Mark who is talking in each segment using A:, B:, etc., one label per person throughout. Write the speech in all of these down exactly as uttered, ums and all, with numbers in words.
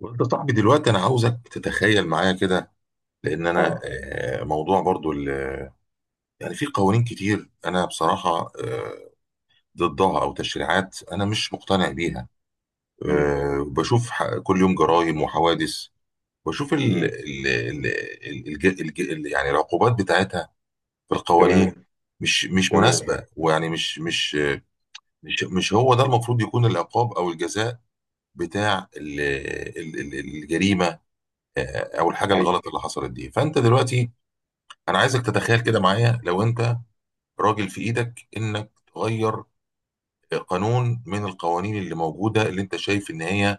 A: وانت صاحبي دلوقتي، انا عاوزك تتخيل معايا كده. لان انا
B: اه.
A: آه، موضوع برضو ال- يعني في قوانين كتير انا بصراحة آه، ضدها او تشريعات انا مش مقتنع بيها.
B: امم.
A: آه، بشوف ح- كل يوم جرائم وحوادث، بشوف ال
B: امم.
A: ال ال ال الج- الج- يعني العقوبات بتاعتها في القوانين
B: تمام.
A: مش مش
B: تمام.
A: مناسبة، ويعني مش مش مش مش هو ده المفروض يكون العقاب او الجزاء بتاع ال- ال- ال- الجريمة، آه، او الحاجه
B: ايوه.
A: الغلط اللي حصلت دي. فانت دلوقتي انا عايزك تتخيل كده معايا، لو انت راجل في ايدك انك تغير قانون من القوانين اللي موجوده، اللي انت شايف ان هي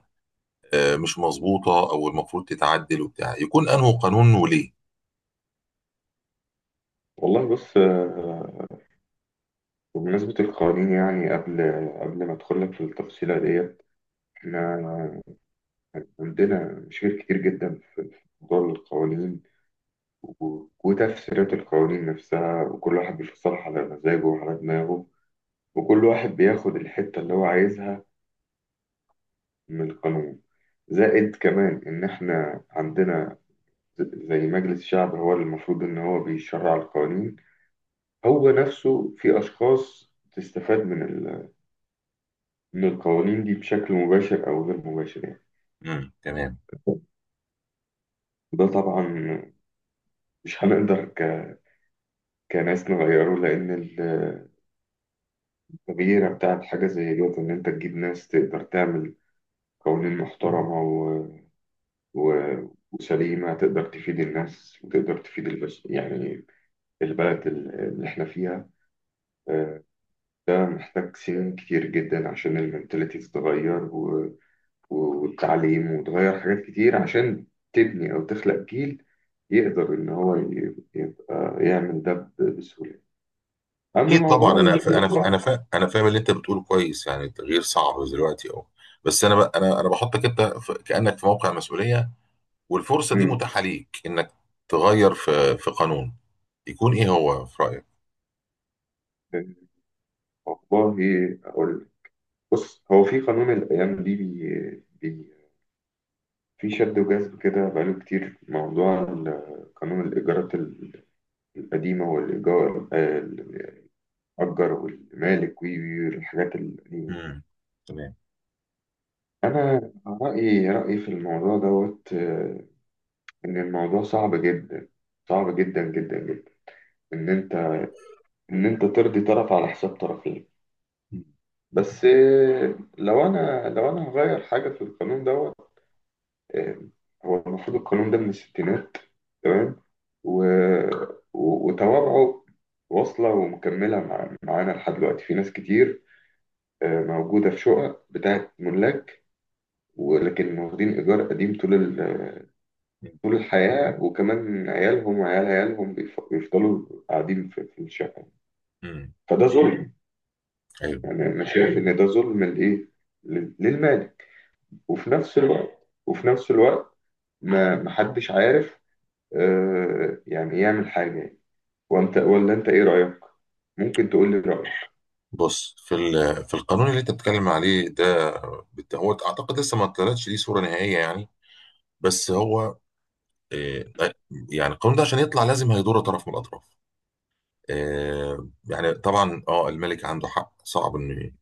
A: آه، مش مظبوطه او المفروض تتعدل وبتاع، يكون انه قانون وليه.
B: والله، بص، آه، بمناسبة القوانين، يعني قبل قبل ما ادخل لك في التفصيلة ديت، احنا عندنا مشاكل كتير جدا في في موضوع القوانين، و- وتفسيرات القوانين نفسها، وكل واحد بيفسرها على مزاجه وعلى دماغه، وكل واحد بياخد الحتة اللي هو عايزها من القانون. زائد كمان ان احنا عندنا ز- زي مجلس الشعب، هو اللي المفروض ان هو بيشرع القوانين، هو نفسه في أشخاص تستفاد من ال... من القوانين دي بشكل مباشر أو غير مباشر، يعني.
A: امم، تمام.
B: وده طبعا مش هنقدر ك... كناس نغيره، لأن التغيير بتاع الحاجة زي ديت إن أنت تجيب ناس تقدر تعمل قوانين محترمة و... و... وسليمة، تقدر تفيد الناس وتقدر تفيد البش... يعني البلد ال- اللي إحنا فيها. آه، ده محتاج سنين كتير جدا عشان المنتاليتي تتغير والتعليم وتغير حاجات كتير، عشان تبني أو تخلق جيل يقدر إن هو ي- يبقى يعمل ده ب- بسهولة. أما
A: اكيد
B: موضوع
A: طبعا. انا ف...
B: ال-.
A: انا ف... انا ف... انا فاهم اللي انت بتقوله كويس، يعني التغيير صعب دلوقتي اهو. بس انا ب... انا انا بحطك انت في... كانك في موقع مسؤوليه، والفرصه دي
B: مم.
A: متاحه ليك انك تغير في في قانون، يكون ايه هو في رايك؟
B: والله أقول لك. بص، هو في قانون الأيام دي بي... بي... في شد وجذب كده بقاله كتير، موضوع ال- قانون الإيجارات ال- القديمة والإيجار، آه، الأجر والمالك والحاجات القديمة.
A: امم، تمام.
B: أنا رأيي رأيي في الموضوع دوت ان الموضوع صعب جدا، صعب جدا جدا جدا، ان انت ان انت ترضي طرف على حساب طرفين.
A: مم.
B: بس آه، لو انا لو انا هغير حاجه في القانون دوت، آه، هو المفروض القانون ده من الستينات، تمام، و... و- وتوابعه واصله ومكمله مع... معانا لحد دلوقتي. في ناس كتير، آه، موجوده في شقق بتاعت ملاك، ولكن واخدين ايجار قديم طول ال...
A: مم.
B: طول الحياه، وكمان عيالهم وعيال عيالهم بيف- بيفضلوا قاعدين في في الشقه.
A: مم.
B: فده ظلم،
A: ايوه.
B: يعني انا شايف ان ده ظلم لايه، لل- للمالك. وفي نفس الوقت وفي نفس الوقت ما محدش عارف آه يعني يعمل حاجه، يعني. وانت، ولا انت، ايه رايك؟ ممكن تقول لي رايك.
A: بص، في ال- في القانون اللي انت بتتكلم عليه ده، بت- هو اعتقد لسه ما طلعتش ليه صوره نهائيه يعني. بس هو آه، يعني القانون ده عشان يطلع لازم هيضر طرف من الاطراف. آه، يعني طبعا اه، الملك عنده حق، صعب ان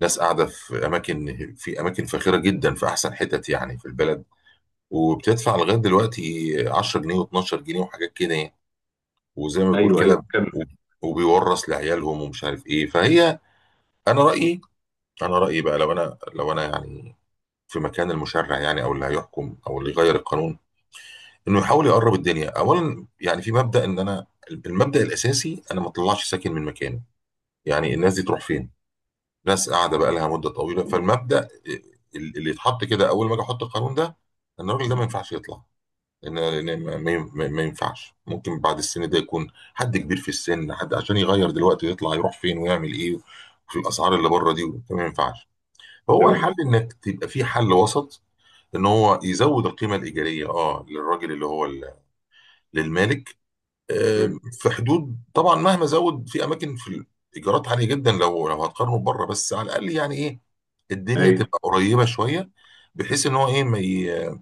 A: ناس قاعده في اماكن، في اماكن فاخره جدا، في احسن حتت يعني في البلد، وبتدفع لغايه دلوقتي عشرة جنيه و12 جنيه وحاجات كده يعني. وزي ما بتقول لا
B: ايوه، ايوه،
A: كده.
B: كمل.
A: وب- وبيورث لعيالهم ومش عارف ايه. فهي انا رايي، انا رايي بقى، لو انا لو انا يعني في مكان المشرع يعني، او اللي هيحكم او اللي يغير القانون، انه يحاول يقرب الدنيا اولا. يعني في مبدا ان انا، المبدا الاساسي، انا ما اطلعش ساكن من مكانه. يعني الناس دي تروح فين؟ ناس قاعده بقى لها مده طويله. فالمبدا اللي يتحط كده اول ما اجي احط القانون ده، ان الراجل ده ما ينفعش يطلع. لان لأن ما ما- ما- ما ينفعش، ممكن بعد السن ده يكون حد كبير في السن، حد عشان يغير دلوقتي يطلع يروح فين ويعمل ايه في الاسعار اللي بره دي؟ ما ينفعش. فهو
B: تمام.
A: الحل انك تبقى في حل وسط. ان هو يزود القيمه الايجاريه، اه، للراجل اللي هو ال- للمالك. آه،
B: مم.
A: في حدود طبعا، مهما زود، في اماكن في الايجارات عاليه جدا لو لو هتقارنه بره. بس على الاقل يعني ايه، الدنيا
B: ايوه،
A: تبقى قريبه شويه، بحيث ان هو ايه، ما ي...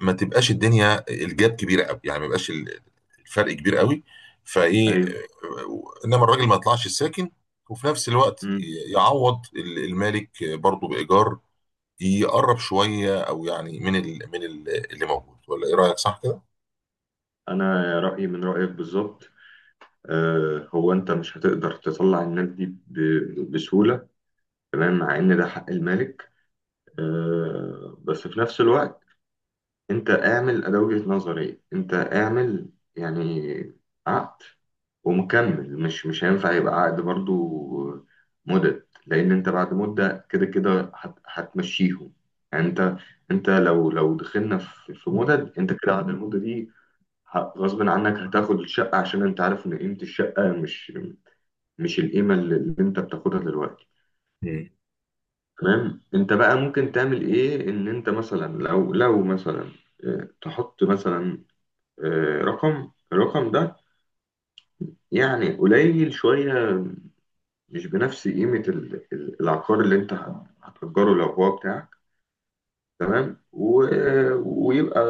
A: ما تبقاش الدنيا الجاب كبيره قوي، يعني ما يبقاش ال- الفرق كبير قوي. فايه
B: ايوه.
A: آه، انما الراجل ما يطلعش ساكن، وفي نفس الوقت
B: مم.
A: ي- يعوض ال- المالك برضه بايجار يقرب شويه، او يعني من ال من ال اللي موجود. ولا ايه رايك، صح كده؟
B: انا رايي من رايك بالظبط. آه هو انت مش هتقدر تطلع الناس دي ب- بسهوله، تمام، مع ان ده حق المالك. آه بس في نفس الوقت، انت اعمل ده، وجهة نظري، انت اعمل يعني عقد ومكمل، مش مش هينفع يبقى عقد برضو مدة، لان انت بعد مدة كده كده هت- هتمشيهم. يعني انت انت لو لو دخلنا في في مدد، انت كده بعد المدة دي ه- غصب عنك هتاخد الشقة، عشان انت عارف ان قيمة الشقة مش مش القيمة اللي اللي انت بتاخدها دلوقتي.
A: مم.
B: تمام. انت بقى ممكن تعمل ايه؟ ان انت مثلا، لو لو مثلا، اه، تحط مثلا، آه، رقم الرقم ده يعني قليل شوية، مش بنفس قيمة ال- ال- العقار اللي انت هت- هتأجره لو هو بتاعك. تمام. و... ويبقى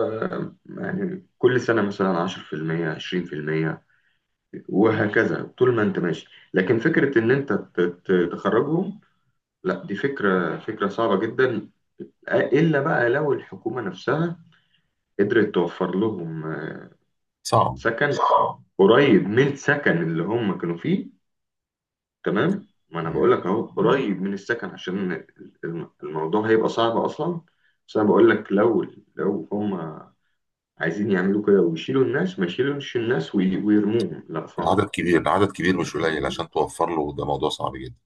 B: يعني كل سنة مثلا عشرة في المية عشرين في المية، وهكذا طول ما انت ماشي. لكن فكرة ان انت ت- ت- تخرجهم، لا، دي فكرة فكرة صعبة جدا، إلا بقى لو الحكومة نفسها قدرت توفر لهم
A: صعب.
B: سكن قريب من السكن اللي هم كانوا فيه. تمام، ما انا
A: مم.
B: بقول لك اهو قريب من السكن، عشان الم- الموضوع هيبقى صعب اصلا. بس انا بقول لك لو لو هم عايزين يعملوا كده ويشيلوا الناس، ما يشيلوش الناس وي- ويرموهم، لا، صعب.
A: العدد كبير، العدد كبير مش قليل، عشان توفر له ده موضوع صعب جدا.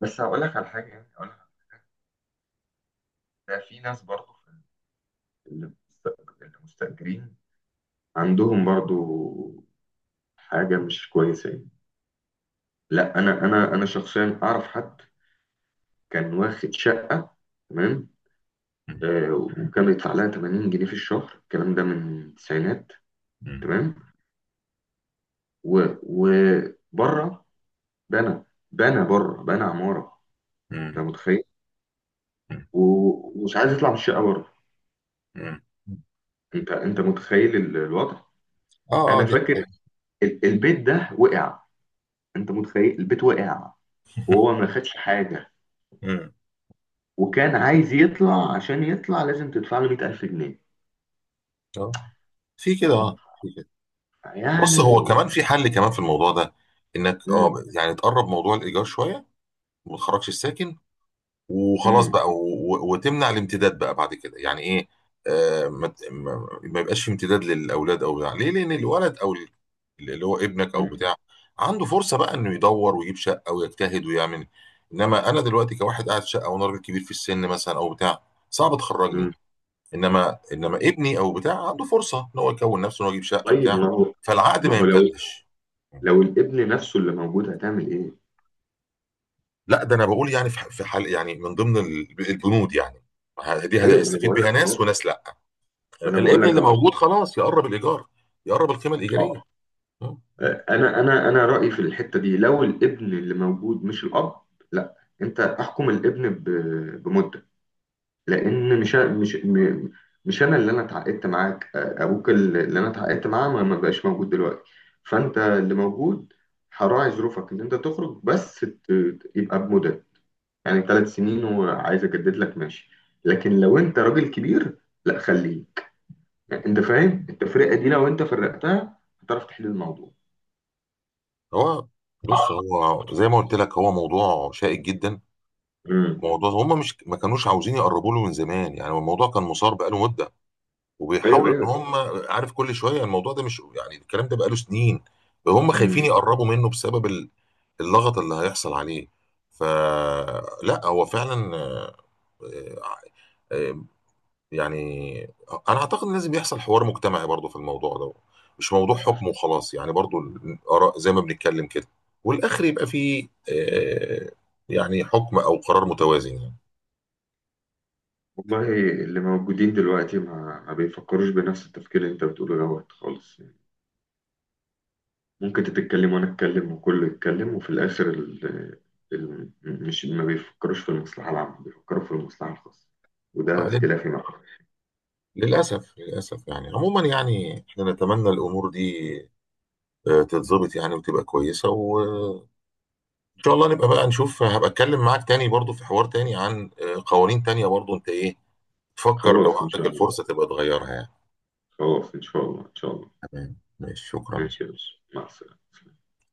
B: بس هقول لك على حاجه، يعني هقول لك، ده في ناس برضو في اللي مست- اللي مستأجرين عندهم برضو حاجه مش كويسه يعني. لا، انا انا انا شخصيا اعرف حد كان واخد شقه، تمام،
A: مم.
B: آه، وكان بيدفع لها ثمانين جنيه في الشهر. الكلام ده من التسعينات،
A: مم.
B: تمام. و وبره بنى بنى بره بنى عمارة. انت
A: مم.
B: متخيل؟ و- ومش عايز يطلع من الشقة بره.
A: مم.
B: انت، انت متخيل ال- الوضع؟
A: اه، اه،
B: انا
A: دي
B: فاكر
A: حاجة.
B: ال- البيت ده وقع، انت متخيل؟ البيت وقع، وهو ما خدش حاجة،
A: مم.
B: وكان عايز يطلع، عشان يطلع لازم تدفع له مية الف جنيه.
A: اه، في كده،
B: طب،
A: اه. بص، هو
B: يعني.
A: كمان في حل كمان في الموضوع ده، انك اه
B: مم.
A: يعني تقرب موضوع الايجار شويه وما تخرجش الساكن وخلاص
B: مم.
A: بقى، و... و... وتمنع الامتداد بقى بعد كده. يعني ايه؟ آه ما... ت- ما... ما يبقاش في امتداد للاولاد او بتاع ليه، لان الولد او ال- اللي هو ابنك او
B: مم.
A: بتاع، عنده فرصه بقى انه يدور ويجيب شقه ويجتهد ويعمل. انما انا دلوقتي كواحد قاعد في شقه وانا راجل كبير في السن مثلا او بتاع، صعب
B: مم.
A: تخرجني. انما انما ابني او بتاع عنده فرصه ان هو يكون نفسه ان هو يجيب شقه
B: طيب،
A: بتاع.
B: ما هو
A: فالعقد
B: ما
A: ما
B: هو لو
A: يمتدش.
B: لو الابن نفسه اللي موجود هتعمل ايه؟
A: لا، ده انا بقول يعني في ح- في حال يعني، من ضمن ال- البنود يعني. ه- دي
B: ايوه، ما انا
A: هيستفيد
B: بقول
A: بيها
B: لك
A: ناس
B: اهو.
A: وناس لا.
B: ما انا بقول
A: الابن
B: لك
A: اللي
B: اهو.
A: موجود خلاص، يقرب الايجار، يقرب القيمه الايجاريه.
B: اه انا انا انا رايي في الحته دي، لو الابن اللي موجود مش الاب، لا، انت احكم الابن ب- بمده، لان مش مش م- مش انا اللي انا اتعاقدت معاك، ابوك اللي انا اتعاقدت معاه ما ما بقاش موجود دلوقتي، فانت اللي موجود هراعي ظروفك ان انت تخرج، بس ت- يبقى بمده، يعني ثلاث سنين، وعايز اجدد لك ماشي. لكن لو انت راجل كبير، لا، خليه. انت فاهم التفرقه دي؟ لو انت فرقتها هتعرف تحل الموضوع.
A: هو، بص، هو زي ما قلت لك، هو موضوع شائك جدا.
B: امم.
A: موضوع هم مش ما كانوش عاوزين يقربوا له من زمان يعني، هو الموضوع كان مثار بقاله مده
B: ايوه،
A: وبيحاولوا ان
B: ايوه.
A: هم، عارف، كل شويه، الموضوع ده مش يعني الكلام ده بقاله سنين. هم خايفين
B: امم.
A: يقربوا منه بسبب ال- اللغط اللي هيحصل عليه. فلا، هو فعلا آه، آه، آه، يعني انا اعتقد ان لازم يحصل حوار مجتمعي برضه في الموضوع ده، مش موضوع حكم وخلاص يعني، برضه الاراء زي ما بنتكلم كده، والاخر يبقى فيه آه، يعني حكم او قرار متوازن يعني.
B: والله، اللي موجودين دلوقتي ما ما بيفكروش بنفس التفكير اللي انت بتقوله دوت خالص، يعني ممكن انت تتكلم وانا اتكلم وكله يتكلم، وفي الاخر ال... ال... مش ما بيفكروش في المصلحه العامه، بيفكروا في المصلحه الخاصه. وده
A: آه، لل-
B: اختلافي معاك.
A: للاسف، للاسف يعني عموما، يعني احنا نتمنى الامور دي آه، تتظبط يعني وتبقى كويسة، وإن شاء الله نبقى بقى نشوف، هبقى أتكلم معاك تاني برضو في حوار تاني عن آه، قوانين تانية برضو، أنت إيه تفكر لو
B: خلاص، ان
A: عندك
B: شاء الله.
A: الفرصة تبقى تغيرها يعني.
B: خلاص، ان شاء الله. ان شاء الله.
A: تمام، ماشي، شكرا.
B: ماشي يا باشا، مع السلامه.